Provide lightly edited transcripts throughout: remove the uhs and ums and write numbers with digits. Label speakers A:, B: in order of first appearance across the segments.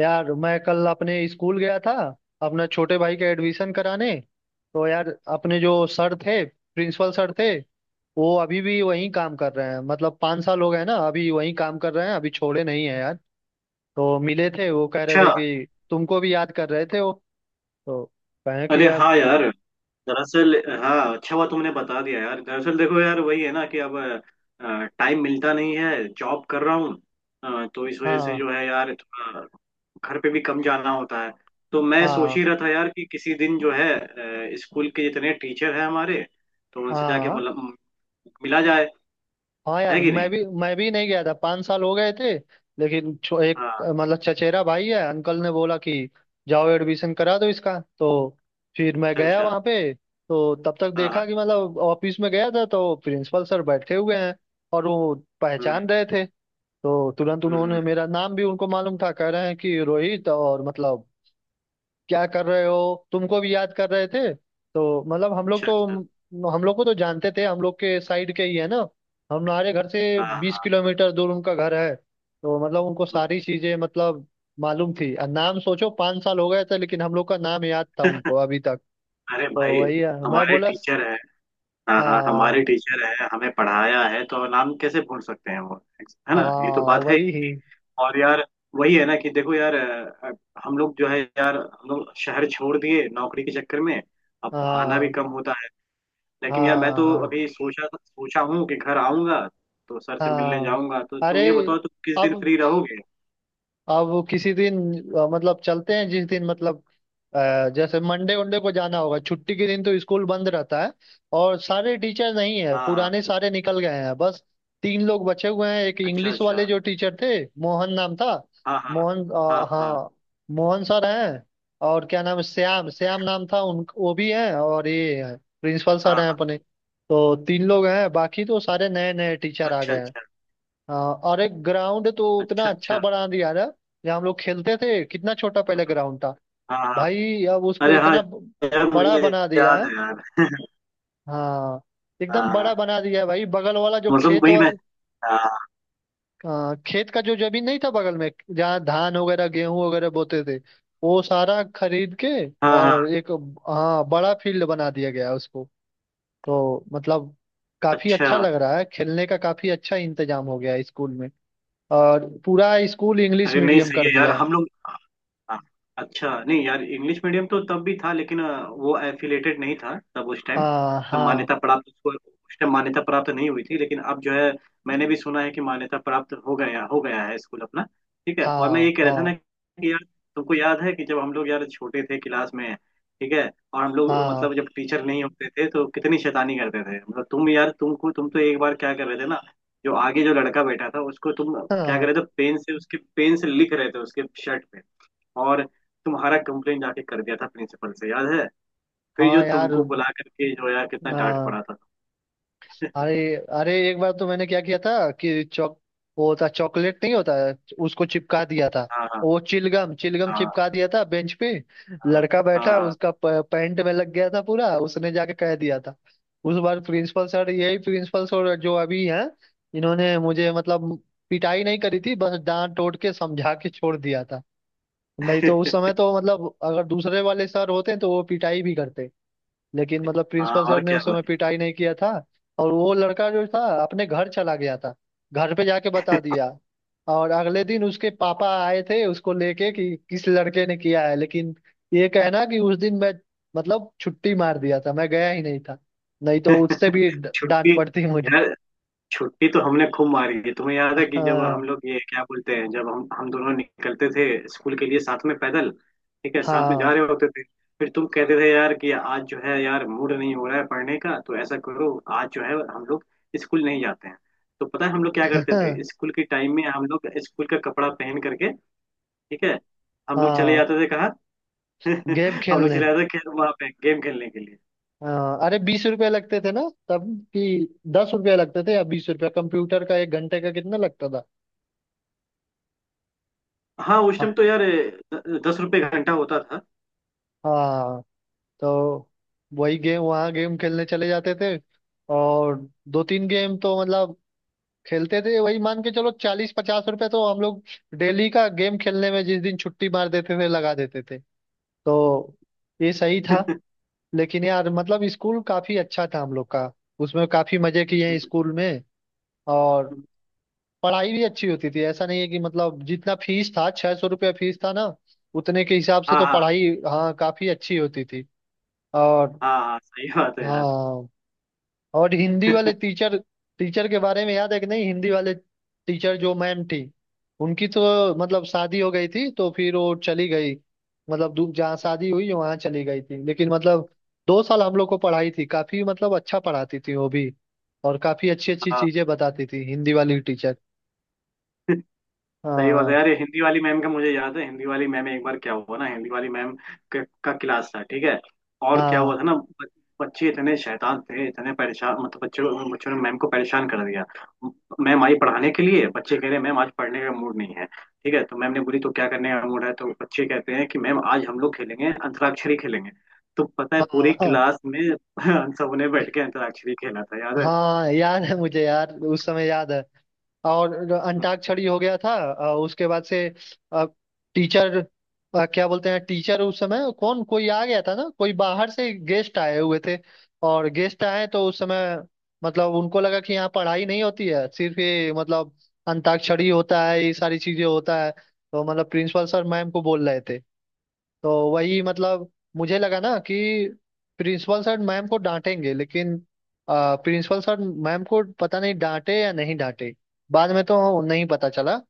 A: यार मैं कल अपने स्कूल गया था अपना छोटे भाई का एडमिशन कराने। तो यार अपने जो सर थे प्रिंसिपल सर थे वो अभी भी वहीं काम कर रहे हैं। मतलब 5 साल हो गए ना, अभी वहीं काम कर रहे हैं, अभी छोड़े नहीं है यार। तो मिले थे, वो कह रहे
B: अच्छा।
A: थे कि तुमको भी याद कर रहे थे वो। तो कहें कि
B: अरे
A: यार।
B: हाँ यार, दरअसल। हाँ, अच्छा हुआ तुमने बता दिया यार। दरअसल देखो यार, वही है ना कि अब टाइम मिलता नहीं है, जॉब कर रहा हूँ। तो इस वजह से
A: हाँ
B: जो है यार थोड़ा घर पे भी कम जाना होता है। तो मैं सोच
A: हाँ
B: ही रहा था यार कि किसी दिन जो है स्कूल के जितने टीचर हैं हमारे, तो उनसे जाके
A: हाँ
B: मतलब मिला जाए।
A: हाँ
B: है
A: यार,
B: कि
A: मैं
B: नहीं।
A: भी मैं भी नहीं गया था, 5 साल हो गए थे। लेकिन एक
B: हाँ,
A: मतलब चचेरा भाई है, अंकल ने बोला कि जाओ एडमिशन करा दो इसका। तो फिर मैं
B: अच्छा
A: गया
B: अच्छा।
A: वहाँ पे, तो तब तक
B: हाँ
A: देखा
B: हाँ।
A: कि मतलब ऑफिस में गया था तो प्रिंसिपल सर बैठे हुए हैं और वो
B: हम्म
A: पहचान रहे थे। तो तुरंत
B: हम्म।
A: उन्होंने मेरा नाम भी, उनको मालूम था, कह रहे हैं कि रोहित, और मतलब क्या कर रहे हो, तुमको भी याद कर रहे थे। तो मतलब
B: अच्छा अच्छा।
A: हम लोग को तो जानते थे, हम लोग के साइड के ही है ना, हमारे घर से
B: हाँ
A: बीस
B: हाँ
A: किलोमीटर दूर उनका घर है। तो मतलब उनको
B: हाँ।
A: सारी चीजें मतलब मालूम थी, और नाम सोचो, 5 साल हो गए थे लेकिन हम लोग का नाम याद था उनको अभी तक।
B: अरे
A: तो
B: भाई,
A: वही है, मैं
B: हमारे
A: बोला
B: टीचर। हाँ हाँ,
A: हाँ
B: हमारे टीचर है, हमें पढ़ाया है तो नाम कैसे भूल सकते हैं वो। है ना, ये तो
A: हाँ
B: बात है।
A: वही ही।
B: और यार वही है ना कि देखो यार हम लोग जो है यार, हम लोग शहर छोड़ दिए नौकरी के चक्कर में। अब आना भी
A: हाँ
B: कम होता है। लेकिन यार मैं
A: हाँ
B: तो
A: हाँ
B: अभी सोचा सोचा हूँ कि घर आऊंगा तो सर से मिलने
A: हाँ।
B: जाऊंगा। तो
A: अरे
B: तुम ये बताओ, तुम किस दिन
A: अब
B: फ्री रहोगे।
A: अब वो किसी दिन मतलब चलते हैं जिस दिन मतलब जैसे मंडे वंडे को जाना होगा, छुट्टी के दिन तो स्कूल बंद रहता है और सारे टीचर नहीं है,
B: हाँ हाँ।
A: पुराने सारे निकल गए हैं। बस तीन लोग बचे हुए हैं, एक
B: अच्छा
A: इंग्लिश
B: अच्छा।
A: वाले जो टीचर थे, मोहन नाम था।
B: हाँ हाँ
A: मोहन
B: हाँ। हाँ
A: हाँ मोहन सर हैं। और क्या नाम है, श्याम, श्याम नाम था उन वो भी हैं, और ये हैं प्रिंसिपल
B: हाँ
A: सर हैं
B: हाँ।
A: अपने। तो तीन लोग हैं, बाकी तो सारे नए नए टीचर आ
B: अच्छा
A: गए हैं।
B: अच्छा।
A: हाँ, और एक ग्राउंड तो उतना
B: अच्छा
A: अच्छा
B: अच्छा।
A: बना दिया ना, जहाँ हम लोग खेलते थे। कितना छोटा पहले ग्राउंड था
B: हाँ हाँ।
A: भाई, अब उसको
B: अरे हाँ
A: इतना
B: यार,
A: बड़ा
B: मुझे
A: बना दिया
B: याद
A: है।
B: है यार।
A: हाँ, एकदम
B: हाँ,
A: बड़ा बना दिया है भाई। बगल वाला जो
B: मतलब वही मैं। हाँ
A: खेत का जो जमीन नहीं था बगल में, जहाँ धान वगैरह गेहूं वगैरह बोते थे, वो सारा खरीद के
B: हाँ
A: और
B: हाँ।
A: एक, हाँ, बड़ा फील्ड बना दिया गया है उसको। तो मतलब काफी
B: अच्छा।
A: अच्छा लग रहा है, खेलने का काफी अच्छा इंतजाम हो गया है स्कूल में। और पूरा स्कूल इंग्लिश
B: अरे नहीं,
A: मीडियम
B: सही
A: कर
B: है यार
A: दिया।
B: हम लोग। हाँ। अच्छा नहीं यार, इंग्लिश मीडियम तो तब भी था, लेकिन वो एफिलेटेड नहीं था तब उस टाइम।
A: हाँ
B: तब
A: हाँ
B: मान्यता प्राप्त, उसको उस टाइम मान्यता प्राप्त नहीं हुई थी, लेकिन अब जो है मैंने भी सुना है कि मान्यता प्राप्त हो गया, हो गया है स्कूल अपना। ठीक है, और मैं
A: हाँ
B: ये कह रहा था
A: हाँ
B: ना कि यार तुमको याद है कि जब हम लोग यार छोटे थे क्लास में। ठीक है, और हम लोग
A: हाँ
B: मतलब जब टीचर नहीं होते थे तो कितनी शैतानी करते थे मतलब। तुम यार, तुमको तुम तो एक बार क्या कर रहे थे ना, जो आगे जो लड़का बैठा था उसको तुम क्या कर
A: हाँ
B: रहे थे, पेन से उसके पेन से लिख रहे थे उसके शर्ट पे। और तुम्हारा कंप्लेन जाके कर दिया था प्रिंसिपल से, याद है। फिर जो
A: हाँ यार,
B: तुमको बुला करके जो यार कितना डांट
A: हाँ।
B: पड़ा था।
A: अरे अरे एक बार तो मैंने क्या किया था कि चॉक, वो होता चॉकलेट नहीं होता, उसको चिपका दिया था।
B: हाँ हाँ।
A: वो चिलगम चिलगम
B: हाँ
A: चिपका दिया था बेंच पे।
B: हाँ
A: लड़का बैठा,
B: हाँ।
A: उसका पैंट में लग गया था पूरा, उसने जाके कह दिया था। उस बार प्रिंसिपल सर, यही प्रिंसिपल सर जो अभी हैं, इन्होंने मुझे मतलब पिटाई नहीं करी थी, बस डांट टोट के समझा के छोड़ दिया था। नहीं तो उस समय तो मतलब अगर दूसरे वाले सर होते तो वो पिटाई भी करते। लेकिन मतलब
B: हाँ,
A: प्रिंसिपल सर
B: और
A: ने
B: क्या
A: उस समय
B: भाई।
A: पिटाई नहीं किया था। और वो लड़का जो था अपने घर चला गया था, घर पे जाके बता दिया। और अगले दिन उसके पापा आए थे उसको लेके कि किस लड़के ने किया है, लेकिन ये कहना कि उस दिन मैं मतलब छुट्टी मार दिया था, मैं गया ही नहीं था। नहीं तो उससे भी डांट
B: छुट्टी।
A: पड़ती मुझे।
B: यार, छुट्टी तो हमने खूब मारी है। तुम्हें याद है कि जब हम
A: हाँ
B: लोग, ये क्या बोलते हैं, जब हम दोनों निकलते थे स्कूल के लिए साथ में पैदल। ठीक है, साथ में जा
A: हाँ
B: रहे होते थे, फिर तुम कहते थे यार कि आज जो है यार मूड नहीं हो रहा है पढ़ने का, तो ऐसा करो आज जो है हम लोग स्कूल नहीं जाते हैं। तो पता है हम लोग क्या करते थे, स्कूल के टाइम में हम लोग स्कूल का कपड़ा पहन करके, ठीक है, हम लोग चले
A: हाँ,
B: जाते थे कहाँ।
A: गेम
B: हम लोग
A: खेलने।
B: चले जाते थे खेल, वहां पे गेम खेलने के लिए।
A: हाँ, अरे 20 रुपए लगते थे ना तब, कि 10 रुपए लगते थे या 20 रुपया, कंप्यूटर का एक घंटे का कितना लगता था।
B: हाँ, उस
A: हाँ
B: टाइम तो यार दस रुपए घंटा होता था।
A: हाँ, तो वही गेम, वहाँ गेम खेलने चले जाते थे। और दो तीन गेम तो मतलब खेलते थे, वही मान के चलो चालीस पचास रुपए तो हम लोग डेली का गेम खेलने में जिस दिन छुट्टी मार देते थे लगा देते थे। तो ये सही था। लेकिन यार मतलब स्कूल काफी अच्छा था हम लोग का, उसमें काफी मजे किए हैं स्कूल में। और पढ़ाई भी अच्छी होती थी, ऐसा नहीं है कि मतलब जितना फीस था, 600 रुपया फीस था ना, उतने के हिसाब से
B: हाँ
A: तो
B: हाँ।
A: पढ़ाई हाँ काफी अच्छी होती थी। और
B: हाँ हाँ, सही बात है यार।
A: हाँ, और हिंदी वाले टीचर, टीचर के बारे में याद है कि नहीं, हिंदी वाले टीचर जो मैम थी, उनकी तो मतलब शादी हो गई थी, तो फिर वो चली गई। मतलब जहाँ शादी हुई वहाँ चली गई थी, लेकिन मतलब 2 साल हम लोग को पढ़ाई थी, काफी मतलब अच्छा पढ़ाती थी वो भी। और काफी अच्छी अच्छी
B: हाँ,
A: चीजें बताती थी हिंदी वाली टीचर।
B: सही बात है
A: हाँ
B: यार। ये हिंदी वाली मैम का मुझे याद है, हिंदी वाली मैम, एक बार क्या हुआ ना, हिंदी वाली मैम का क्लास था। ठीक है, और क्या हुआ
A: हाँ
B: था ना, बच्चे इतने शैतान थे, इतने परेशान मतलब, बच्चों बच्चों ने मैम को परेशान कर दिया। मैम आई पढ़ाने के लिए, बच्चे कह रहे हैं मैम आज पढ़ने का मूड नहीं है। ठीक है, तो मैम ने बोली तो क्या करने का मूड है, तो बच्चे कहते हैं कि मैम आज हम लोग खेलेंगे, अंतराक्षरी खेलेंगे। तो पता है,
A: हाँ
B: पूरी
A: हाँ,
B: क्लास में हम सबने बैठ के अंतराक्षरी खेला था, याद है।
A: हाँ, याद है मुझे यार उस समय याद है। और अंताक्षरी हो गया था, उसके बाद से टीचर, क्या बोलते हैं टीचर, उस समय कौन कोई आ गया था ना, कोई बाहर से गेस्ट आए हुए थे। और गेस्ट आए तो उस समय मतलब उनको लगा कि यहाँ पढ़ाई नहीं होती है, सिर्फ ये मतलब अंताक्षरी होता है, ये सारी चीजें होता है। तो मतलब प्रिंसिपल सर मैम को बोल रहे थे। तो वही मतलब मुझे लगा ना कि प्रिंसिपल सर मैम को डांटेंगे, लेकिन प्रिंसिपल सर मैम को पता नहीं डांटे या नहीं डांटे, बाद में तो नहीं पता चला,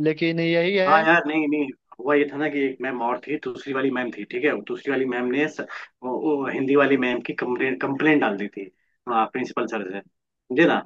A: लेकिन यही है।
B: हाँ यार, नहीं नहीं। हुआ ये था ना कि एक मैम और थी, दूसरी वाली मैम थी। ठीक है, दूसरी वाली मैम ने स, वो हिंदी वाली मैम की कंप्लेन कंप्लेन डाल दी थी। हाँ, प्रिंसिपल सर से, समझे ना।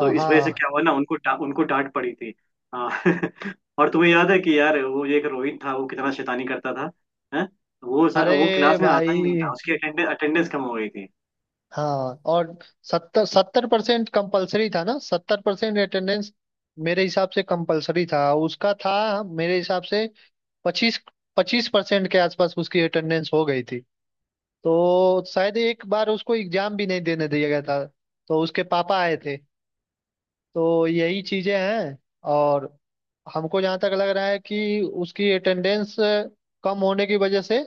B: तो इस वजह से
A: हाँ,
B: क्या हुआ ना, उनको डा, उनको डांट पड़ी थी। हाँ। और तुम्हें याद है कि यार वो एक रोहित था, वो कितना शैतानी करता था। है, वो स- वो
A: अरे
B: क्लास में आता ही नहीं था,
A: भाई।
B: उसकी अटेंडेंस कम हो गई थी।
A: हाँ, और सत्तर सत्तर परसेंट कंपल्सरी था ना, 70% अटेंडेंस मेरे हिसाब से कंपल्सरी था, उसका था मेरे हिसाब से 25-25% के आसपास उसकी अटेंडेंस हो गई थी। तो शायद एक बार उसको एग्जाम भी नहीं देने दिया गया था, तो उसके पापा आए थे। तो यही चीजें हैं, और हमको जहाँ तक लग रहा है कि उसकी अटेंडेंस कम होने की वजह से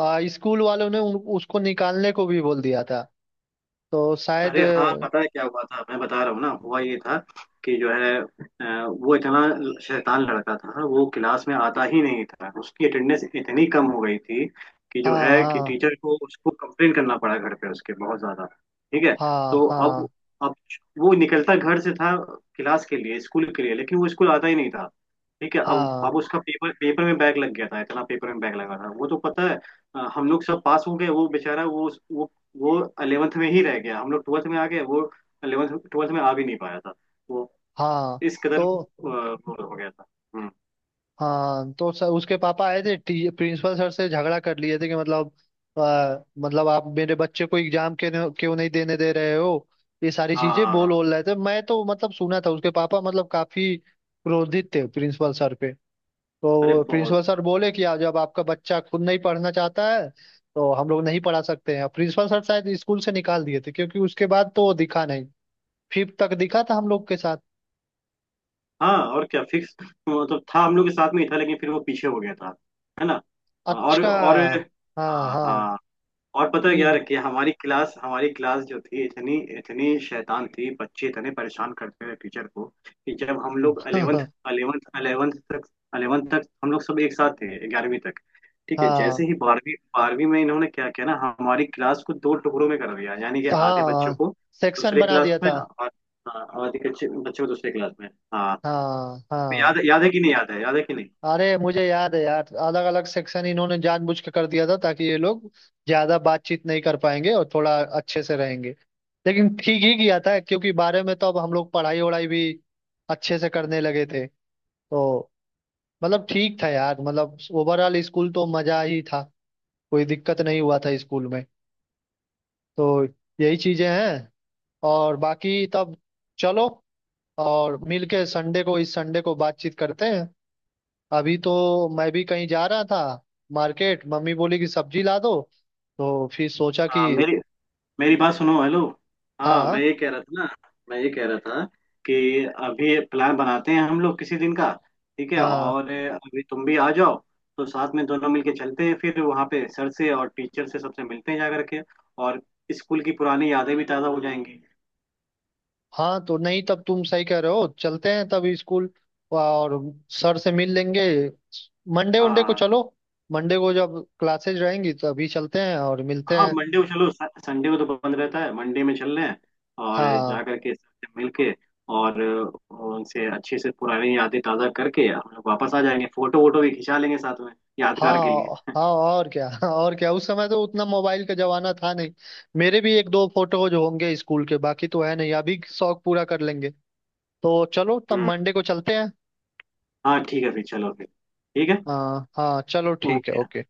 A: स्कूल वालों ने उसको निकालने को भी बोल दिया था। तो शायद
B: अरे हाँ, पता है क्या हुआ था, मैं बता रहा हूँ ना, हुआ ये था कि जो है वो इतना शैतान लड़का था, वो क्लास में आता ही नहीं था, उसकी अटेंडेंस इतनी कम हो गई थी कि जो
A: हाँ
B: है कि
A: हाँ
B: टीचर को उसको कंप्लेन करना पड़ा घर पे उसके, बहुत ज्यादा। ठीक है,
A: हाँ
B: तो
A: हाँ
B: अब वो निकलता घर से था क्लास के लिए, स्कूल के लिए, लेकिन वो स्कूल आता ही नहीं था। ठीक है,
A: हाँ
B: अब उसका पेपर, पेपर में बैग लग गया था, इतना पेपर में बैग लगा था वो, तो पता है हम लोग सब पास हो गए, वो बेचारा वो 11th में ही रह गया, हम लोग 12th में आ गए। वो 11th 12th में आ भी नहीं पाया था वो,
A: हाँ,
B: इस कदर
A: तो
B: वो हो गया था। हम्म।
A: हाँ। तो सर, उसके पापा आए थे प्रिंसिपल सर से झगड़ा कर लिए थे कि मतलब मतलब आप मेरे बच्चे को एग्जाम के क्यों नहीं देने दे रहे हो। ये सारी
B: हाँ
A: चीजें
B: हाँ हाँ।
A: बोल बोल रहे थे, मैं तो मतलब सुना था, उसके पापा मतलब काफी क्रोधित थे प्रिंसिपल सर पे।
B: अरे
A: तो
B: बहुत।
A: प्रिंसिपल सर बोले कि जब आपका बच्चा खुद नहीं पढ़ना चाहता है तो हम लोग नहीं पढ़ा सकते हैं। प्रिंसिपल सर शायद स्कूल से निकाल दिए थे, क्योंकि उसके बाद तो वो दिखा नहीं। फिफ्थ तक दिखा था हम लोग के साथ।
B: हाँ और क्या, फिक्स मतलब था हम लोग के साथ में ही था, लेकिन फिर वो पीछे हो गया था। है ना।
A: अच्छा
B: और
A: हाँ
B: हाँ
A: हाँ।
B: हाँ। और पता है क्या
A: ये-
B: रखिए, हमारी क्लास, हमारी क्लास जो थी इतनी इतनी शैतान थी, बच्चे इतने परेशान करते थे टीचर को, कि जब हम लोग 11th 11th तक 11th तक हम लोग सब एक साथ थे, ग्यारहवीं तक। ठीक है, जैसे
A: हाँ।
B: ही बारहवीं, बारहवीं में इन्होंने क्या किया ना, हमारी क्लास को दो टुकड़ों में कर दिया, यानी कि
A: तो
B: आधे बच्चों
A: हाँ,
B: को
A: सेक्शन
B: दूसरे
A: बना
B: क्लास
A: दिया
B: में,
A: था।
B: और हाँ, आधे बच्चे बच्चों को दूसरे क्लास में। हाँ,
A: हाँ
B: तो
A: हाँ,
B: याद, याद है कि नहीं, याद है याद है कि नहीं।
A: अरे मुझे याद है यार, अलग अलग सेक्शन इन्होंने जानबूझ के कर दिया था, ताकि ये लोग ज्यादा बातचीत नहीं कर पाएंगे और थोड़ा अच्छे से रहेंगे। लेकिन ठीक ही किया था, क्योंकि बारह में तो अब हम लोग पढ़ाई वढ़ाई भी अच्छे से करने लगे थे। तो मतलब ठीक था यार मतलब, ओवरऑल स्कूल तो मजा ही था, कोई दिक्कत नहीं हुआ था स्कूल में। तो यही चीजें हैं। और बाकी तब चलो, और मिलके संडे को, इस संडे को बातचीत करते हैं। अभी तो मैं भी कहीं जा रहा था मार्केट, मम्मी बोली कि सब्जी ला दो, तो फिर सोचा कि।
B: हाँ, मेरी मेरी बात सुनो, हेलो। हाँ,
A: हाँ
B: मैं ये कह रहा था ना, मैं ये कह रहा था कि अभी प्लान बनाते हैं हम लोग किसी दिन का। ठीक है,
A: हाँ।
B: और अभी तुम भी आ जाओ, तो साथ में दोनों मिलके चलते हैं, फिर वहाँ पे सर से और टीचर से सबसे मिलते हैं जा करके, और स्कूल की पुरानी यादें भी ताज़ा हो जाएंगी।
A: हाँ, तो नहीं तब तुम सही कह रहे हो, चलते हैं तब स्कूल और सर से मिल लेंगे। मंडे वंडे को
B: हाँ
A: चलो। मंडे को जब क्लासेज रहेंगी, तो अभी चलते हैं और मिलते
B: हाँ।
A: हैं।
B: मंडे को चलो, स- संडे को तो बंद रहता है, मंडे में चल रहे हैं, और
A: हाँ
B: जा करके सबसे मिल के, और उनसे अच्छे से पुरानी यादें ताज़ा करके हम लोग वापस आ जाएंगे। फोटो वोटो भी खिंचा लेंगे साथ में, यादगार के लिए।
A: हाँ हाँ, और क्या। और क्या, उस समय तो उतना मोबाइल का जमाना था नहीं, मेरे भी एक दो फोटोज होंगे स्कूल के, बाकी तो है नहीं, अभी शौक पूरा कर लेंगे। तो चलो तब
B: हम्म।
A: मंडे को चलते हैं।
B: हाँ ठीक है, फिर चलो, फिर ठीक है।
A: हाँ हाँ चलो ठीक है
B: ओके।
A: ओके।